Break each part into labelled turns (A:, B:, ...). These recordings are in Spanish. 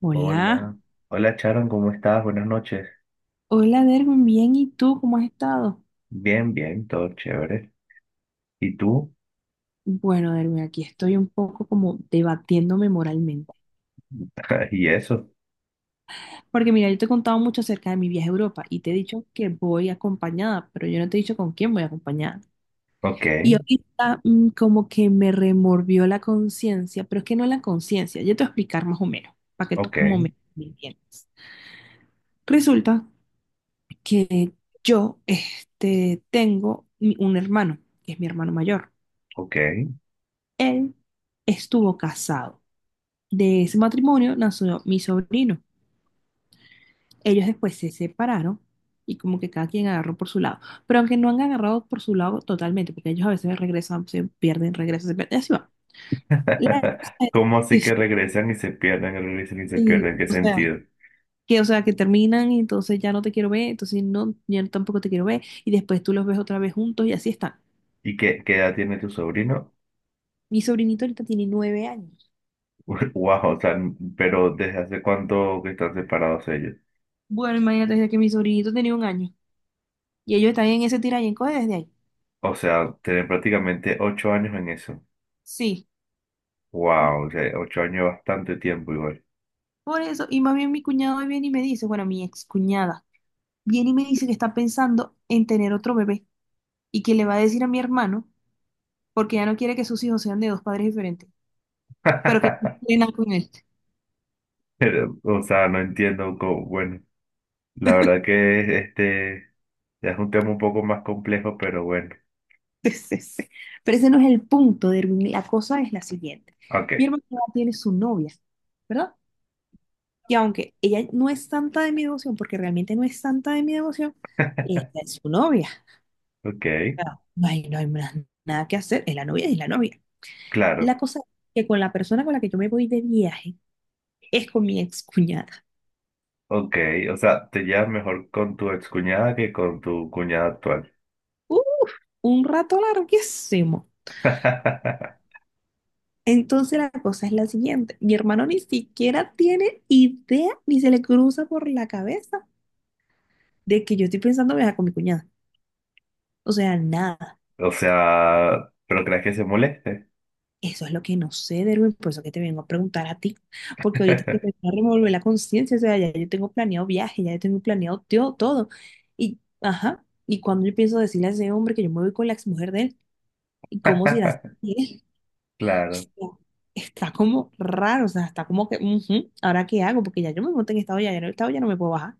A: Hola,
B: Hola, hola Charon, ¿cómo estás? Buenas noches.
A: hola Derwin, bien, ¿y tú cómo has estado?
B: Bien, bien, todo chévere. ¿Y tú?
A: Bueno, Derwin, aquí estoy un poco como debatiéndome moralmente.
B: ¿Y eso?
A: Porque mira, yo te he contado mucho acerca de mi viaje a Europa y te he dicho que voy acompañada, pero yo no te he dicho con quién voy acompañada.
B: Ok,
A: Y ahorita como que me remorvió la conciencia, pero es que no la conciencia, yo te voy a explicar más o menos, para que tú
B: ok,
A: como me entiendas. Resulta que yo este, tengo un hermano, que es mi hermano mayor.
B: ok.
A: Él estuvo casado. De ese matrimonio nació mi sobrino. Ellos después se separaron y como que cada quien agarró por su lado. Pero aunque no han agarrado por su lado totalmente, porque ellos a veces regresan, se pierden, y así va. La cosa es,
B: ¿Cómo
A: sí,
B: así
A: sí,
B: que regresan y se pierden, regresan y se
A: sí,
B: pierden? ¿En ¿Qué
A: o sea,
B: sentido?
A: que terminan y entonces ya no te quiero ver, entonces no, yo tampoco te quiero ver, y después tú los ves otra vez juntos y así están.
B: ¿Y qué, qué edad tiene tu sobrino?
A: Mi sobrinito ahorita tiene 9 años.
B: Wow, o sea, pero ¿desde hace cuánto que están separados ellos?
A: Bueno, imagínate desde que mi sobrinito tenía un año y ellos están en ese tira y encoge desde ahí.
B: O sea, tienen prácticamente 8 años en eso.
A: Sí.
B: Wow, o sea, 8 años es bastante tiempo igual.
A: Por eso, y más bien mi cuñado viene y me dice, bueno, mi excuñada, viene y me dice que está pensando en tener otro bebé y que le va a decir a mi hermano porque ya no quiere que sus hijos sean de dos padres diferentes, pero que no tiene nada con él.
B: Pero, o sea, no entiendo cómo, bueno. La verdad que ya es un tema un poco más complejo, pero bueno.
A: Sí, sí, sí. Pero ese no es el punto, Derwin. La cosa es la siguiente.
B: Ok,
A: Mi hermana tiene su novia, ¿verdad? Y aunque ella no es santa de mi devoción, porque realmente no es santa de mi devoción, ella es su novia.
B: ok,
A: Claro. No hay más nada que hacer, es la novia, es la novia.
B: claro,
A: La cosa es que con la persona con la que yo me voy de viaje es con mi excuñada.
B: ok. O sea, te llevas mejor con tu excuñada que con tu cuñada actual.
A: Uh, un rato larguísimo. Entonces la cosa es la siguiente. Mi hermano ni siquiera tiene idea, ni se le cruza por la cabeza de que yo estoy pensando viajar con mi cuñada. O sea, nada.
B: O sea, ¿pero crees que se moleste?
A: Eso es lo que no sé, Derwin, por eso que te vengo a preguntar a ti, porque ahorita que me va a revolver la conciencia, o sea, ya yo tengo planeado viaje, ya yo tengo planeado todo. Y, ajá, y cuando yo pienso decirle a ese hombre que yo me voy con la exmujer de él, ¿y cómo se irá a sentir? O
B: Claro,
A: sea, está como raro, o sea, está como que, ujú, ¿ahora qué hago? Porque ya yo me monté en esta olla, ya en esta olla no me puedo bajar.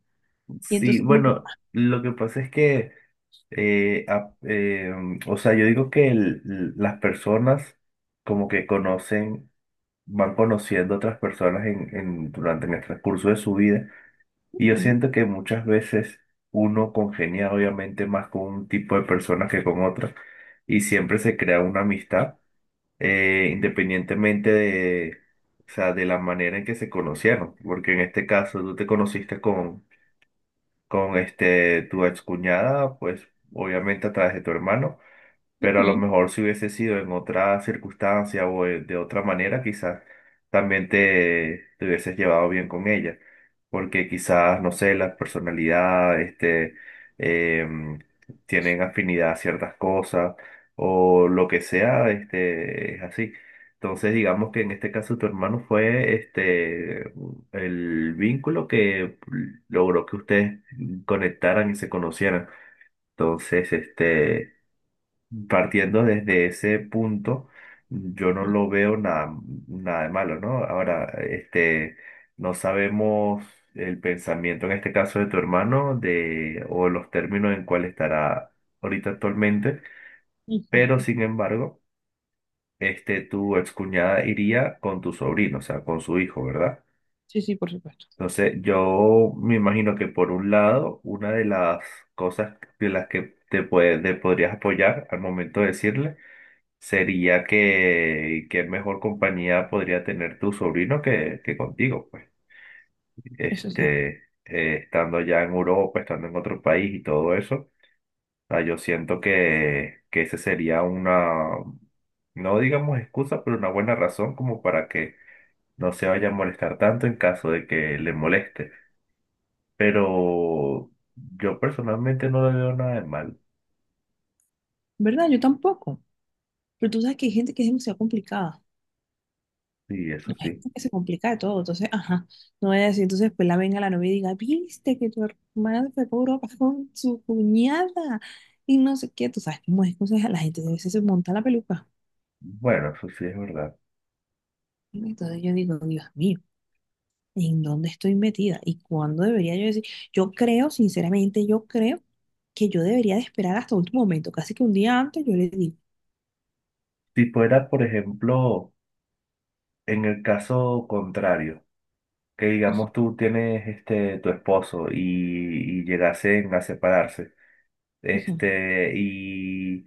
A: Y
B: sí,
A: entonces como que,
B: bueno, lo que pasa es que, eh, a- eh, o sea, yo digo que las personas como que conocen. Van conociendo otras personas durante en el transcurso de su vida. Y yo
A: ujú,
B: siento que muchas veces uno congenia obviamente más con un tipo de personas que con otras y siempre se crea una amistad independientemente de, o sea, de la manera en que se conocieron. Porque en este caso tú te conociste con tu excuñada, pues obviamente a través de tu hermano, pero a lo
A: ujú,
B: mejor si hubiese sido en otra circunstancia o de otra manera, quizás también te hubieses llevado bien con ella, porque quizás, no sé, la personalidad, em, tienen afinidad a ciertas cosas o lo que sea, es así. Entonces, digamos que en este caso tu hermano fue el vínculo que logró que ustedes conectaran y se conocieran. Entonces, este, Partiendo desde ese punto, yo no lo veo nada, nada de malo, ¿no? Ahora, no sabemos el pensamiento en este caso de tu hermano de, o los términos en cuál estará ahorita actualmente, pero
A: ujú.
B: sin embargo, tu excuñada iría con tu sobrino, o sea, con su hijo, ¿verdad?
A: Sí, sí, por supuesto.
B: Entonces, yo me imagino que por un lado, una de las cosas de las que puede, te podrías apoyar al momento de decirle, sería que qué mejor compañía podría tener tu sobrino que contigo, pues,
A: Eso sí.
B: estando ya en Europa, estando en otro país y todo eso, ah, yo siento que ese sería una, no digamos excusa, pero una buena razón como para que no se vaya a molestar tanto en caso de que le moleste. Pero yo personalmente no le veo nada de mal,
A: ¿Verdad? Yo tampoco. Pero tú sabes que hay gente que es demasiado complicada.
B: sí, eso
A: Hay
B: sí.
A: gente que se complica de todo. Entonces, ajá, no voy a decir, entonces pues la venga la novia y diga, viste que tu hermana se fue para Europa con su cuñada y no sé qué. Tú sabes cómo es, entonces la gente a veces se monta la peluca.
B: Bueno, eso sí es verdad.
A: Entonces yo digo, Dios mío, en dónde estoy metida y cuándo debería yo decir. Yo creo, sinceramente, yo creo que yo debería de esperar hasta último momento, casi que un día antes yo le digo,
B: Si fuera, por ejemplo, en el caso contrario, que
A: "Ujú,
B: digamos tú tienes tu esposo y llegasen a separarse,
A: ujú,
B: y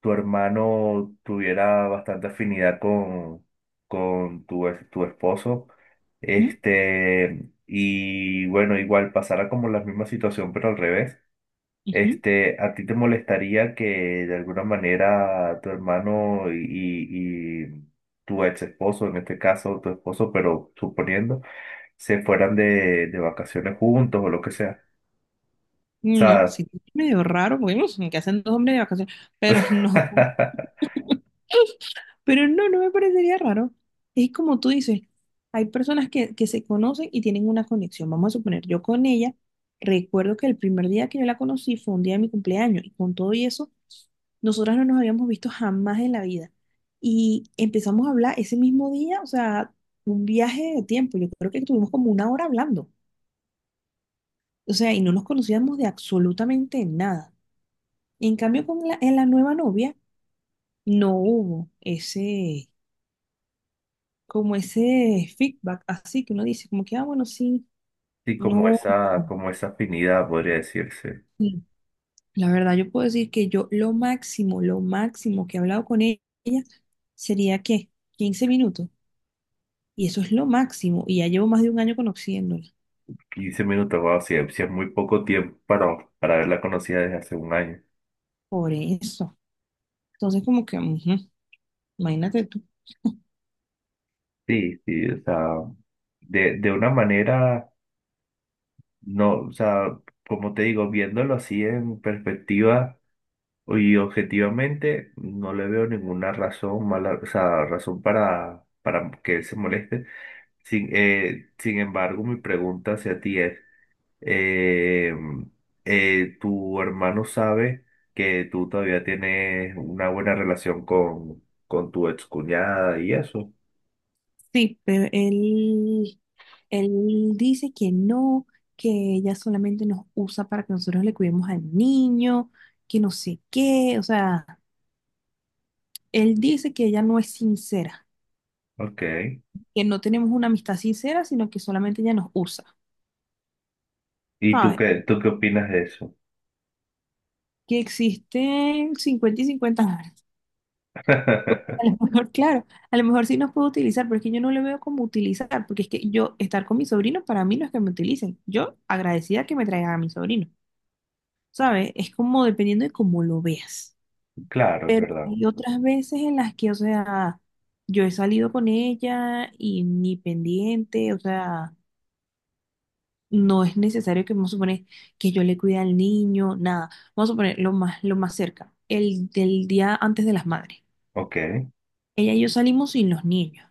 B: tu hermano tuviera bastante afinidad con tu esposo,
A: ujú,
B: y bueno, igual pasara como la misma situación, pero al revés.
A: ujú".
B: ¿A ti te molestaría que de alguna manera tu hermano tu ex esposo, en este caso tu esposo, pero suponiendo, se fueran de vacaciones juntos o lo que sea? O
A: No,
B: sea,
A: sí, es medio raro, porque ujú, ¿qué hacen dos hombres de vacaciones? Pero no. Pero no, no me parecería raro. Es como tú dices, hay personas que se conocen y tienen una conexión. Vamos a suponer, yo con ella, recuerdo que el primer día que yo la conocí fue un día de mi cumpleaños y con todo y eso, nosotras no nos habíamos visto jamás en la vida. Y empezamos a hablar ese mismo día, o sea, un viaje de tiempo. Yo creo que estuvimos como una hora hablando. O sea, y no nos conocíamos de absolutamente nada. En cambio, en la nueva novia no hubo ese como ese feedback, así que uno dice, como que, ah, bueno, sí,
B: sí,
A: no,
B: como esa afinidad, podría decirse.
A: sí. La verdad, yo puedo decir que yo lo máximo que he hablado con ella sería que 15 minutos, y eso es lo máximo, y ya llevo más de un año conociéndola,
B: 15 minutos, wow, sí, sí es muy poco tiempo para haberla conocida desde hace un año.
A: por eso. Entonces, como que, ujú, imagínate tú.
B: Sí, sí, o sea, de una manera. No, o sea, como te digo, viéndolo así en perspectiva y objetivamente, no le veo ninguna razón mala, o sea, razón para que él se moleste. Sin embargo, mi pregunta hacia ti es, eh, ¿tu hermano sabe que tú todavía tienes una buena relación con tu excuñada y eso?
A: Sí, pero él dice que no, que ella solamente nos usa para que nosotros le cuidemos al niño, que no sé qué, o sea. Él dice que ella no es sincera,
B: Ok.
A: que no tenemos una amistad sincera, sino que solamente ella nos usa,
B: ¿Y
A: ¿sabes?
B: tú qué opinas de eso?
A: Que existen 50 y 50 dólares. Porque a lo mejor, claro, a lo mejor sí nos puede utilizar, pero es que yo no le veo como utilizar, porque es que yo estar con mis sobrinos para mí no es que me utilicen. Yo agradecida que me traigan a mi sobrino, ¿sabes? Es como dependiendo de cómo lo veas.
B: Claro, es
A: Pero
B: verdad.
A: hay otras veces en las que, o sea, yo he salido con ella y ni pendiente, o sea, no es necesario que vamos a suponer que yo le cuide al niño, nada. Vamos a poner lo más cerca, el del día antes de las madres.
B: Ok,
A: Ella y yo salimos sin los niños,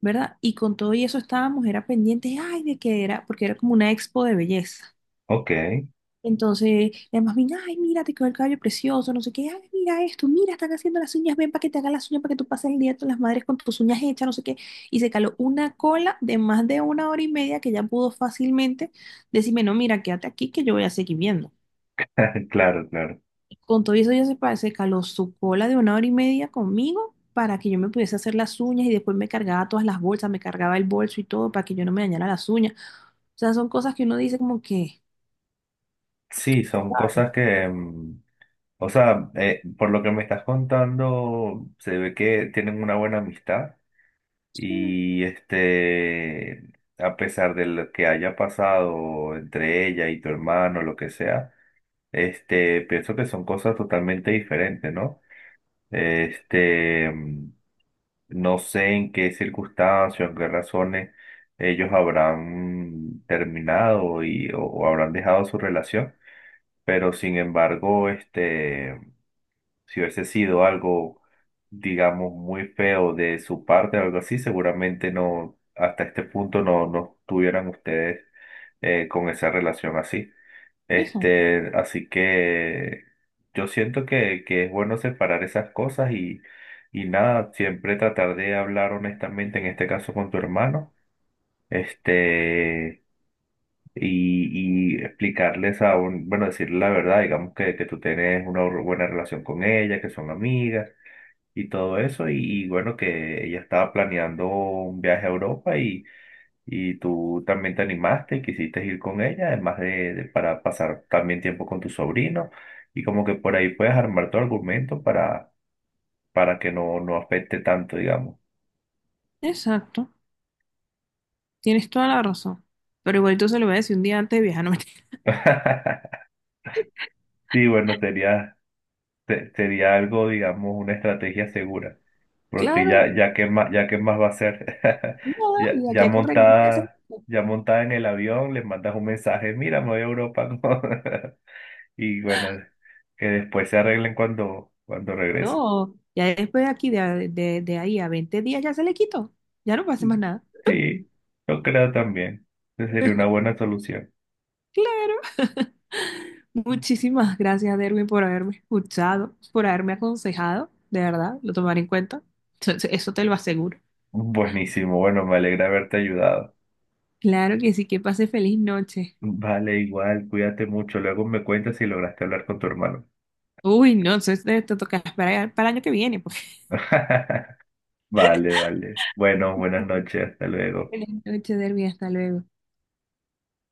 A: ¿verdad? Y con todo y eso estábamos, era pendiente, ay, de que era, porque era como una expo de belleza.
B: ok.
A: Entonces, además viene, ay, mira, te quedó el cabello precioso, no sé qué, ay, mira esto, mira, están haciendo las uñas, ven para que te hagan las uñas, para que tú pases el día con las madres con tus uñas hechas, no sé qué. Y se caló una cola de más de una hora y media que ya pudo fácilmente decirme, no, mira, quédate aquí que yo voy a seguir viendo.
B: Claro, claro.
A: Con todo eso se caló su cola de una hora y media conmigo para que yo me pudiese hacer las uñas y después me cargaba todas las bolsas, me cargaba el bolso y todo para que yo no me dañara las uñas. O sea, son cosas que uno dice como que,
B: Sí, son cosas que, mm, o sea, por lo que me estás contando, se ve que tienen una buena amistad
A: sí,
B: y a pesar de lo que haya pasado entre ella y tu hermano, lo que sea, pienso que son cosas totalmente diferentes, ¿no? Este, mm, no sé en qué circunstancias, en qué razones ellos habrán terminado y, o habrán dejado su relación. Pero sin embargo, si hubiese sido algo, digamos, muy feo de su parte o algo así, seguramente no, hasta este punto no, no estuvieran ustedes con esa relación así.
A: eso,
B: Así que yo siento que es bueno separar esas cosas y nada, siempre tratar de hablar honestamente, en este caso con tu hermano. Este y explicarles a un, bueno, decirle la verdad, digamos que tú tienes una buena relación con ella, que son amigas y todo eso, y bueno, que ella estaba planeando un viaje a Europa y tú también te animaste y quisiste ir con ella, además de, para pasar también tiempo con tu sobrino, y como que por ahí puedes armar tu argumento para que no, no afecte tanto, digamos.
A: exacto. Tienes toda la razón. Pero igualito se lo voy a decir un día antes de viajar. No me...
B: Sí, bueno, sería, sería algo, digamos, una estrategia segura. Porque
A: Claro,
B: ya, ya qué más va a hacer.
A: nada,
B: Ya,
A: y de aquí a que regrese hace...
B: ya montada en el avión, le mandas un mensaje, mira, me voy a Europa. ¿No? Y bueno, que después se arreglen cuando, cuando regresen.
A: No, ya después de aquí, de ahí a 20 días ya se le quitó. Ya no pasa más nada.
B: Sí, yo creo también. Esa sería una buena solución.
A: Claro. Muchísimas gracias, Derwin, por haberme escuchado, por haberme aconsejado. De verdad, lo tomaré en cuenta. Eso te lo aseguro.
B: Buenísimo, bueno, me alegra haberte ayudado.
A: Claro que sí, que pase feliz noche.
B: Vale, igual, cuídate mucho. Luego me cuentas si lograste hablar con tu hermano.
A: Uy, no, te toca esperar para el año que viene. Pues.
B: Vale, vale. Bueno, buenas noches, hasta luego.
A: Feliz noche, Derwin, hasta luego.